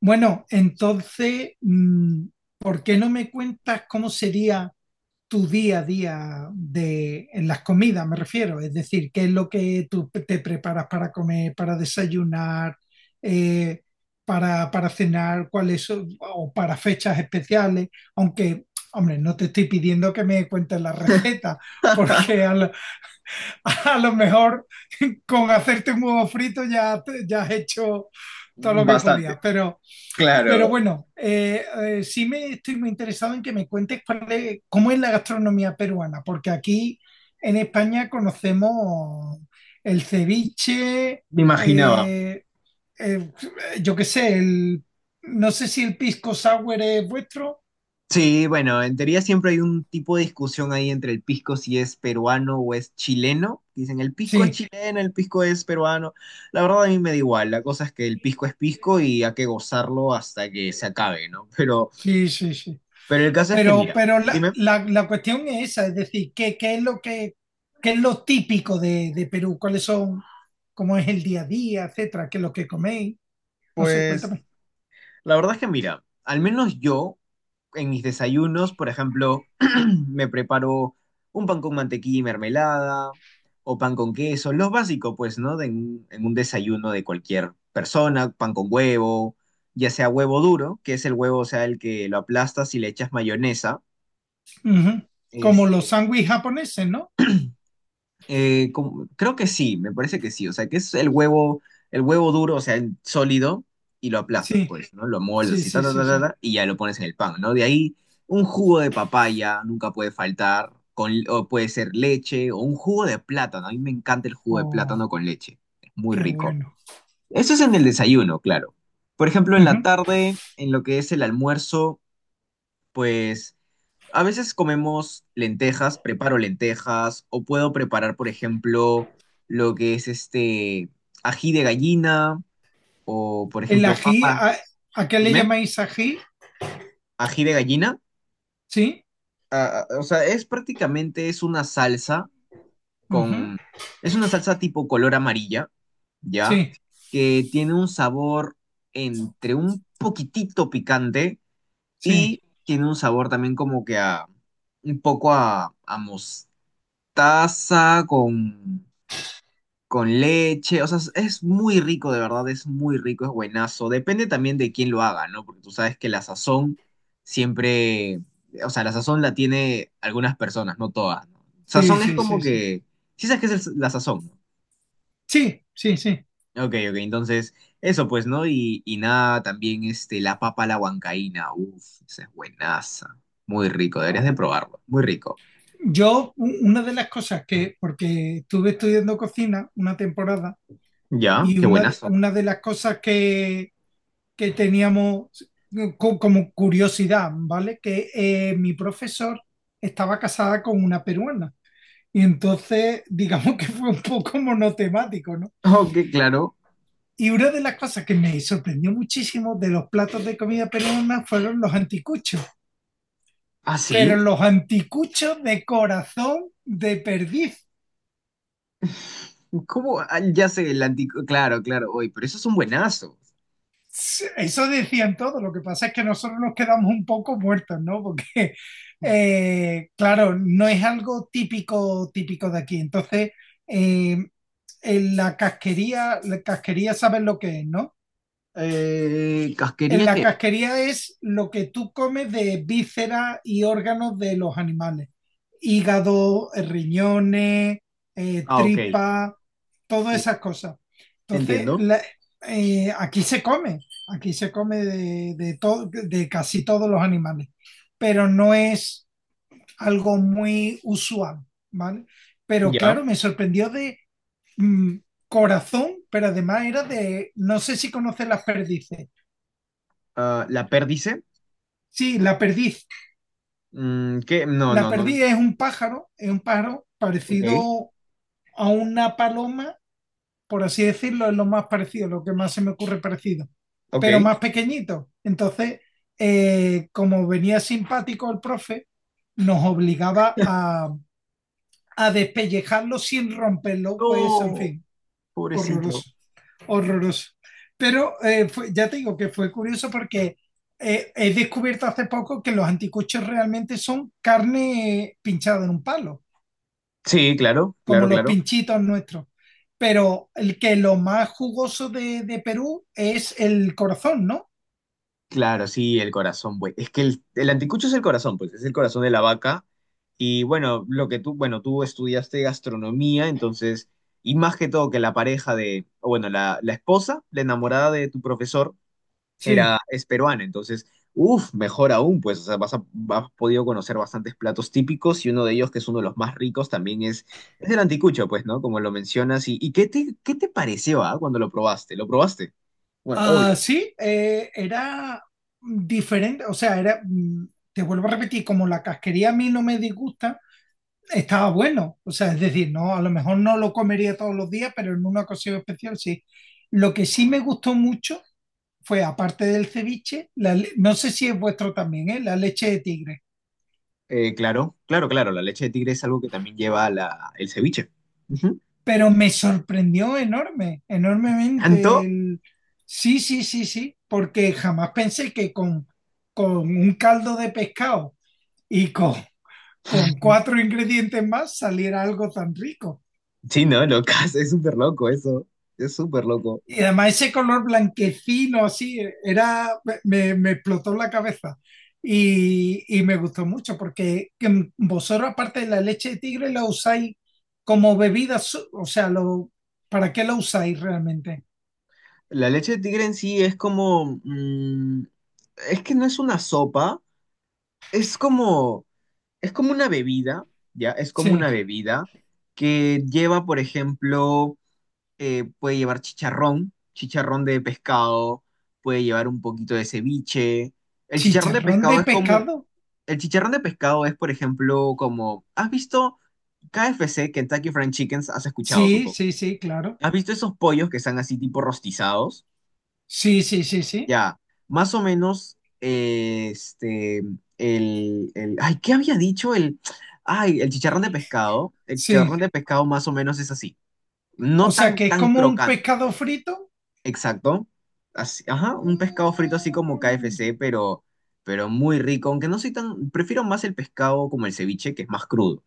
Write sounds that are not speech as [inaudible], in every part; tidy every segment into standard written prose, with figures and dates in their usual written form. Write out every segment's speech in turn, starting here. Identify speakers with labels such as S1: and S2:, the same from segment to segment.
S1: Bueno, entonces, ¿por qué no me cuentas cómo sería tu día a día de, en las comidas, me refiero? Es decir, ¿qué es lo que te preparas para comer, para desayunar, eh, para cenar, o para fechas especiales? Aunque, hombre, no te estoy pidiendo que me cuentes la [laughs] receta, porque
S2: [laughs]
S1: [laughs] a lo mejor con hacerte un huevo frito ya, ya has hecho todo lo que
S2: Bastante,
S1: podías, pero... Pero
S2: claro,
S1: bueno, sí me estoy muy interesado en que me cuentes cómo es la gastronomía peruana, porque aquí en España conocemos el ceviche,
S2: me imaginaba.
S1: eh, eh, yo qué sé, no sé si el pisco sour es vuestro.
S2: Sí, bueno, en teoría siempre hay un tipo de discusión ahí entre el pisco si es peruano o es chileno. Dicen, el pisco es
S1: Sí,
S2: chileno, el pisco es peruano. La verdad a mí me da igual, la cosa es que el pisco es pisco y hay que gozarlo hasta que se acabe, ¿no? Pero,
S1: sí, sí, sí.
S2: pero el caso es que,
S1: Pero,
S2: mira,
S1: pero
S2: dime.
S1: la cuestión es esa, es decir, ¿qué es lo que, qué es lo típico de Perú? ¿Cuáles son, cómo es el día a día, etcétera? ¿Qué es lo que coméis? No sé,
S2: Pues
S1: cuéntame.
S2: la verdad es que mira, al menos yo en mis desayunos, por ejemplo, [clears throat] me preparo un pan con mantequilla y mermelada o pan con queso, los básicos, pues, ¿no? En un desayuno de cualquier persona, pan con huevo, ya sea huevo duro, que es el huevo, o sea, el que lo aplastas y le echas mayonesa,
S1: Ujú. Como los
S2: este.
S1: sándwiches japoneses, ¿no?
S2: Creo que sí, me parece que sí. O sea, que es el huevo duro, o sea, el sólido, y lo aplastas,
S1: Sí,
S2: pues, ¿no? Lo moldas
S1: sí,
S2: así, ta,
S1: sí,
S2: ta, ta,
S1: sí,
S2: ta,
S1: sí.
S2: ta, y ya lo pones en el pan, ¿no? De ahí, un jugo de papaya nunca puede faltar, con, o puede ser leche, o un jugo de plátano. A mí me encanta el jugo de plátano
S1: Oh,
S2: con leche. Es muy
S1: qué
S2: rico.
S1: bueno.
S2: Eso es en el desayuno, claro. Por ejemplo, en la
S1: Ujú.
S2: tarde, en lo que es el almuerzo, pues. A veces comemos lentejas, preparo lentejas, o puedo preparar, por ejemplo, lo que es este ají de gallina, o por
S1: El
S2: ejemplo,
S1: ají,
S2: papa,
S1: ¿a qué le
S2: dime,
S1: llamáis ají?
S2: ají de gallina.
S1: Sí,
S2: Ah, ah, o sea, es prácticamente, es una salsa
S1: ujú.
S2: con, es una salsa tipo color amarilla, ¿ya?
S1: Sí,
S2: Que tiene un sabor entre un poquitito picante
S1: sí,
S2: y tiene un sabor también como que a, un poco a mostaza con leche, o sea, es muy rico, de verdad, es muy rico, es buenazo. Depende también de quién lo haga, ¿no? Porque tú sabes que la sazón siempre, o sea, la sazón la tiene algunas personas, no todas, ¿no?
S1: sí,
S2: Sazón es
S1: sí,
S2: como
S1: sí, sí.
S2: que, sí sabes qué es la sazón, ¿no?
S1: Sí, sí, sí.
S2: Ok, ok, entonces, eso pues, ¿no? Y nada, también este, la papa a la huancaína, uff, esa es buenaza, muy rico, deberías de probarlo, muy rico.
S1: Una de las cosas que, porque estuve estudiando cocina una temporada
S2: ¿Ya?
S1: y
S2: Qué buenazo.
S1: una de las cosas que teníamos como curiosidad, ¿vale? Que mi profesor estaba casada con una peruana. Y entonces, digamos que fue un poco monotemático, ¿no?
S2: Ok, claro.
S1: Y una de las cosas que me sorprendió muchísimo de los platos de comida peruana fueron los anticuchos,
S2: ¿Ah,
S1: pero
S2: sí?
S1: los anticuchos de corazón de perdiz.
S2: ¿Cómo? Ah, ya sé, el antico. Claro, claro, hoy, pero esos son buenazos.
S1: Eso decían todos, lo que pasa es que nosotros nos quedamos un poco muertos, ¿no? Porque, claro, no es algo típico, típico de aquí. Entonces, eh, en la casquería saben lo que es, ¿no? En
S2: ¿Casquería
S1: la
S2: qué?
S1: casquería es lo que tú comes de vísceras y órganos de los animales. Hígado, riñones,
S2: Ah, ok.
S1: tripa, todas esas cosas. Entonces,
S2: Entiendo.
S1: eh, aquí se come, aquí se come de casi todos los animales, pero no es algo muy usual, ¿vale? Pero
S2: Ya.
S1: claro, me sorprendió de mm, corazón, pero además era de, no sé si conoces las perdices.
S2: Ah, ¿la perdice?
S1: Sí, la perdiz.
S2: Mm, ¿qué? No,
S1: La
S2: no, no.
S1: perdida es un pájaro
S2: Ok,
S1: parecido a una paloma, por así decirlo, es lo más parecido, lo que más se me ocurre parecido,
S2: ok.
S1: pero más pequeñito. Entonces, como venía simpático el profe, nos obligaba a despellejarlo sin romperlo los huesos, en
S2: No,
S1: fin,
S2: pobrecito.
S1: horroroso, horroroso. Pero ya te digo que fue curioso porque he descubierto hace poco que los anticuchos realmente son carne pinchada en un palo,
S2: Sí, claro,
S1: como
S2: claro,
S1: los
S2: claro.
S1: pinchitos nuestros. Pero el que lo más jugoso de Perú es el corazón, ¿no?
S2: Claro, sí, el corazón, pues. Es que el anticucho es el corazón, pues, es el corazón de la vaca. Y bueno, lo que tú, bueno, tú estudiaste gastronomía, entonces, y más que todo que la pareja de, o bueno, la esposa, la enamorada de tu profesor, era,
S1: Sí.
S2: es peruana, entonces, uff, mejor aún, pues, o sea, has podido conocer bastantes platos típicos y uno de ellos, que es uno de los más ricos, también es el anticucho, pues, ¿no? Como lo mencionas. Y qué te pareció, ah, cuando lo probaste? ¿Lo probaste? Bueno,
S1: Ah,
S2: obvio.
S1: sí, era diferente, o sea, era, te vuelvo a repetir, como la casquería a mí no me disgusta, estaba bueno, o sea, es decir, no, a lo mejor no lo comería todos los días, pero en una ocasión especial sí. Lo que sí me gustó mucho fue, aparte del ceviche, no sé si es vuestro también, ¿eh? La leche de tigre.
S2: Claro, claro, claro. La leche de tigre es algo que también lleva la, el ceviche. Ujú.
S1: Pero me sorprendió enorme, enormemente
S2: Tanto.
S1: el... Sí, sí, sí, sí, porque jamás pensé que con un caldo de pescado y con cuatro ingredientes más saliera algo tan rico.
S2: Sí, no, locas, es súper loco eso. Es súper loco.
S1: Y además ese color blanquecino así, era, me explotó la cabeza. Y me gustó mucho porque que vosotros aparte de la leche de tigre la usáis como bebida, o sea, lo, ¿para qué la usáis realmente?
S2: La leche de tigre en sí es como, mm, es que no es una sopa. Es como. Es como una bebida, ¿ya? Es como una
S1: Sí.
S2: bebida que lleva, por ejemplo, puede llevar chicharrón, chicharrón de pescado, puede llevar un poquito de ceviche. El chicharrón de
S1: Chicharrón de
S2: pescado es como.
S1: pescado.
S2: El chicharrón de pescado es, por ejemplo, como, ¿has visto KFC, Kentucky Fried Chickens? Has escuchado,
S1: Sí,
S2: supongo.
S1: sí, sí, claro.
S2: ¿Has visto esos pollos que están así tipo rostizados?
S1: Sí, sí, sí, sí.
S2: Ya, más o menos, este, ay, ¿qué había dicho? El, ay, el chicharrón de pescado, el
S1: Sí.
S2: chicharrón de pescado más o menos es así,
S1: O
S2: no
S1: sea
S2: tan,
S1: que es
S2: tan
S1: como un
S2: crocante.
S1: pescado frito.
S2: Exacto. Así- ajá, un pescado frito así como
S1: Mm.
S2: KFC, pero muy rico. Aunque no soy tan. Prefiero más el pescado como el ceviche, que es más crudo.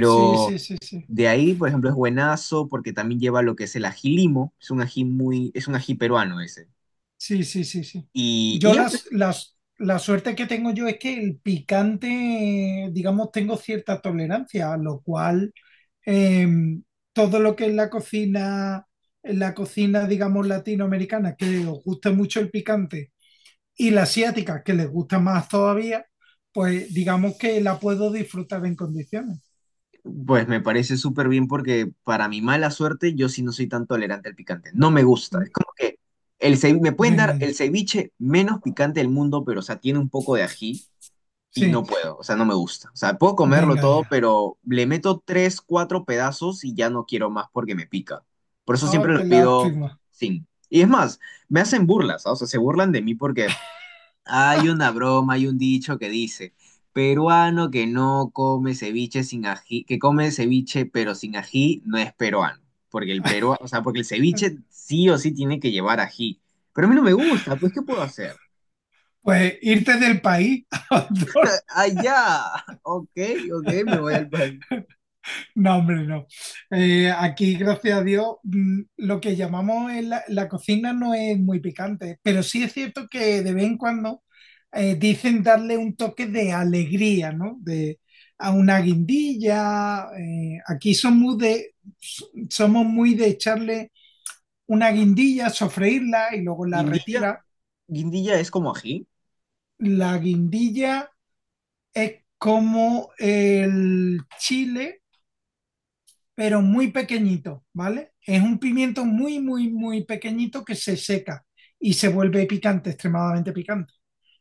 S1: Sí, sí, sí, sí.
S2: de ahí, por ejemplo, es buenazo porque también lleva lo que es el ají limo. Es un ají muy. Es un ají peruano ese.
S1: Sí, sí, sí, sí.
S2: Y
S1: Yo
S2: ya, pues,
S1: la suerte que tengo yo es que el picante, digamos, tengo cierta tolerancia, a lo cual em, todo lo que es la cocina, en la cocina, digamos, latinoamericana, que os gusta mucho el picante y la asiática, que les gusta más todavía, pues digamos que la puedo disfrutar en condiciones.
S2: pues me parece súper bien porque para mi mala suerte, yo sí no soy tan tolerante al picante. No me gusta. Es como que me pueden
S1: Venga
S2: dar
S1: ya,
S2: el ceviche menos picante del mundo, pero o sea, tiene un poco de ají. Y no
S1: sí,
S2: puedo, o sea, no me gusta. O sea, puedo comerlo
S1: venga
S2: todo,
S1: ya.
S2: pero le meto tres, cuatro pedazos y ya no quiero más porque me pica. Por eso siempre
S1: Oh,
S2: lo
S1: qué
S2: pido
S1: lástima.
S2: sin. Y es más, me hacen burlas, ¿ah? O sea, se burlan de mí porque hay
S1: [laughs]
S2: una broma, hay un dicho que dice, peruano que no come ceviche sin ají, que come ceviche pero sin ají no es peruano. Porque el peruano, o sea, porque el ceviche sí o sí tiene que llevar ají. Pero a mí no me gusta, pues ¿qué puedo hacer?
S1: Pues irte del país [laughs] a otro.
S2: Allá, ok, ok, me voy al país.
S1: No, hombre, no. Aquí, gracias a Dios, lo que llamamos en la cocina no es muy picante, pero sí es cierto que de vez en cuando dicen darle un toque de alegría, ¿no? De, a una guindilla. Aquí somos s- somos muy de echarle una guindilla, sofreírla y luego la
S2: Guindilla,
S1: retira.
S2: guindilla es como ají.
S1: La guindilla es como el chile pero muy pequeñito, ¿vale? Es un pimiento muy, muy, muy pequeñito que se seca y se vuelve picante, extremadamente picante.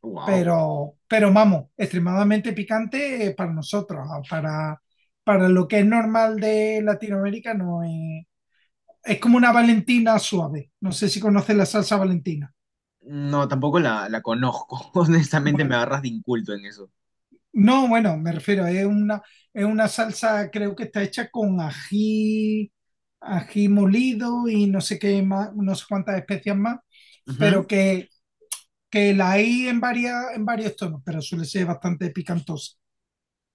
S2: Wow.
S1: Pero vamos, extremadamente picante para nosotros, ah, para lo que es normal de Latinoamérica no es... Es como una Valentina suave. No sé si conoces la salsa Valentina.
S2: No, tampoco la conozco. [laughs] Honestamente, me
S1: Bueno,
S2: agarras de inculto en eso.
S1: no, bueno, me refiero, es una salsa, creo que está hecha con ají, ají molido y no sé qué más, no sé cuántas especias más, pero
S2: Ujú.
S1: que la hay en varias, en varios tonos, pero suele ser bastante picantosa.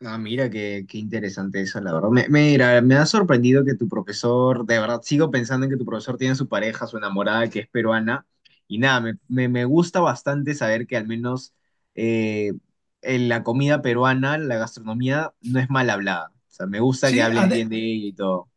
S2: Ah, mira, qué, qué interesante eso, la verdad. Me, mira, me ha sorprendido que tu profesor, de verdad, sigo pensando en que tu profesor tiene su pareja, su enamorada, que es peruana. Y nada, me, me gusta bastante saber que al menos eh, en la comida peruana, la gastronomía, no es mal hablada. O sea, me gusta que
S1: Sí,
S2: hablen bien de ella y todo.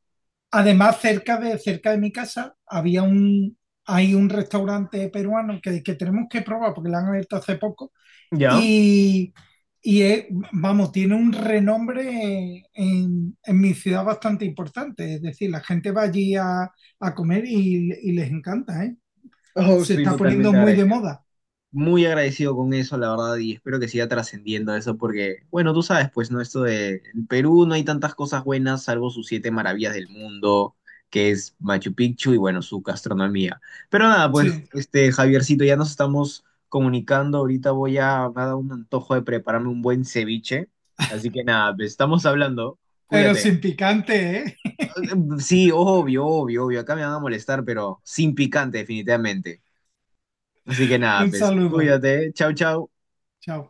S1: además cerca de mi casa hay un restaurante peruano que tenemos que probar porque lo han abierto hace poco.
S2: ¿Ya?
S1: Y, y es- vamos, tiene un renombre en mi ciudad bastante importante. Es decir, la gente va allí a comer y les encanta, ¿eh?
S2: Oh,
S1: Se
S2: estoy
S1: está poniendo
S2: totalmente
S1: muy de
S2: agradecido.
S1: moda.
S2: Muy agradecido con eso, la verdad, y espero que siga trascendiendo eso, porque, bueno, tú sabes, pues, ¿no? Esto de en Perú no hay tantas cosas buenas, salvo sus 7 maravillas del mundo, que es Machu Picchu y, bueno, su gastronomía. Pero nada, pues,
S1: Sí,
S2: este, Javiercito, ya nos estamos comunicando, ahorita voy a, me ha dado un antojo de prepararme un buen ceviche, así que nada, pues, estamos hablando,
S1: pero
S2: cuídate.
S1: sin picante, ¿eh? [laughs]
S2: Sí, obvio, obvio, obvio, acá me van a molestar, pero sin picante, definitivamente. Así que nada,
S1: Un
S2: pues,
S1: saludo.
S2: cuídate, chau, chau.
S1: Chao.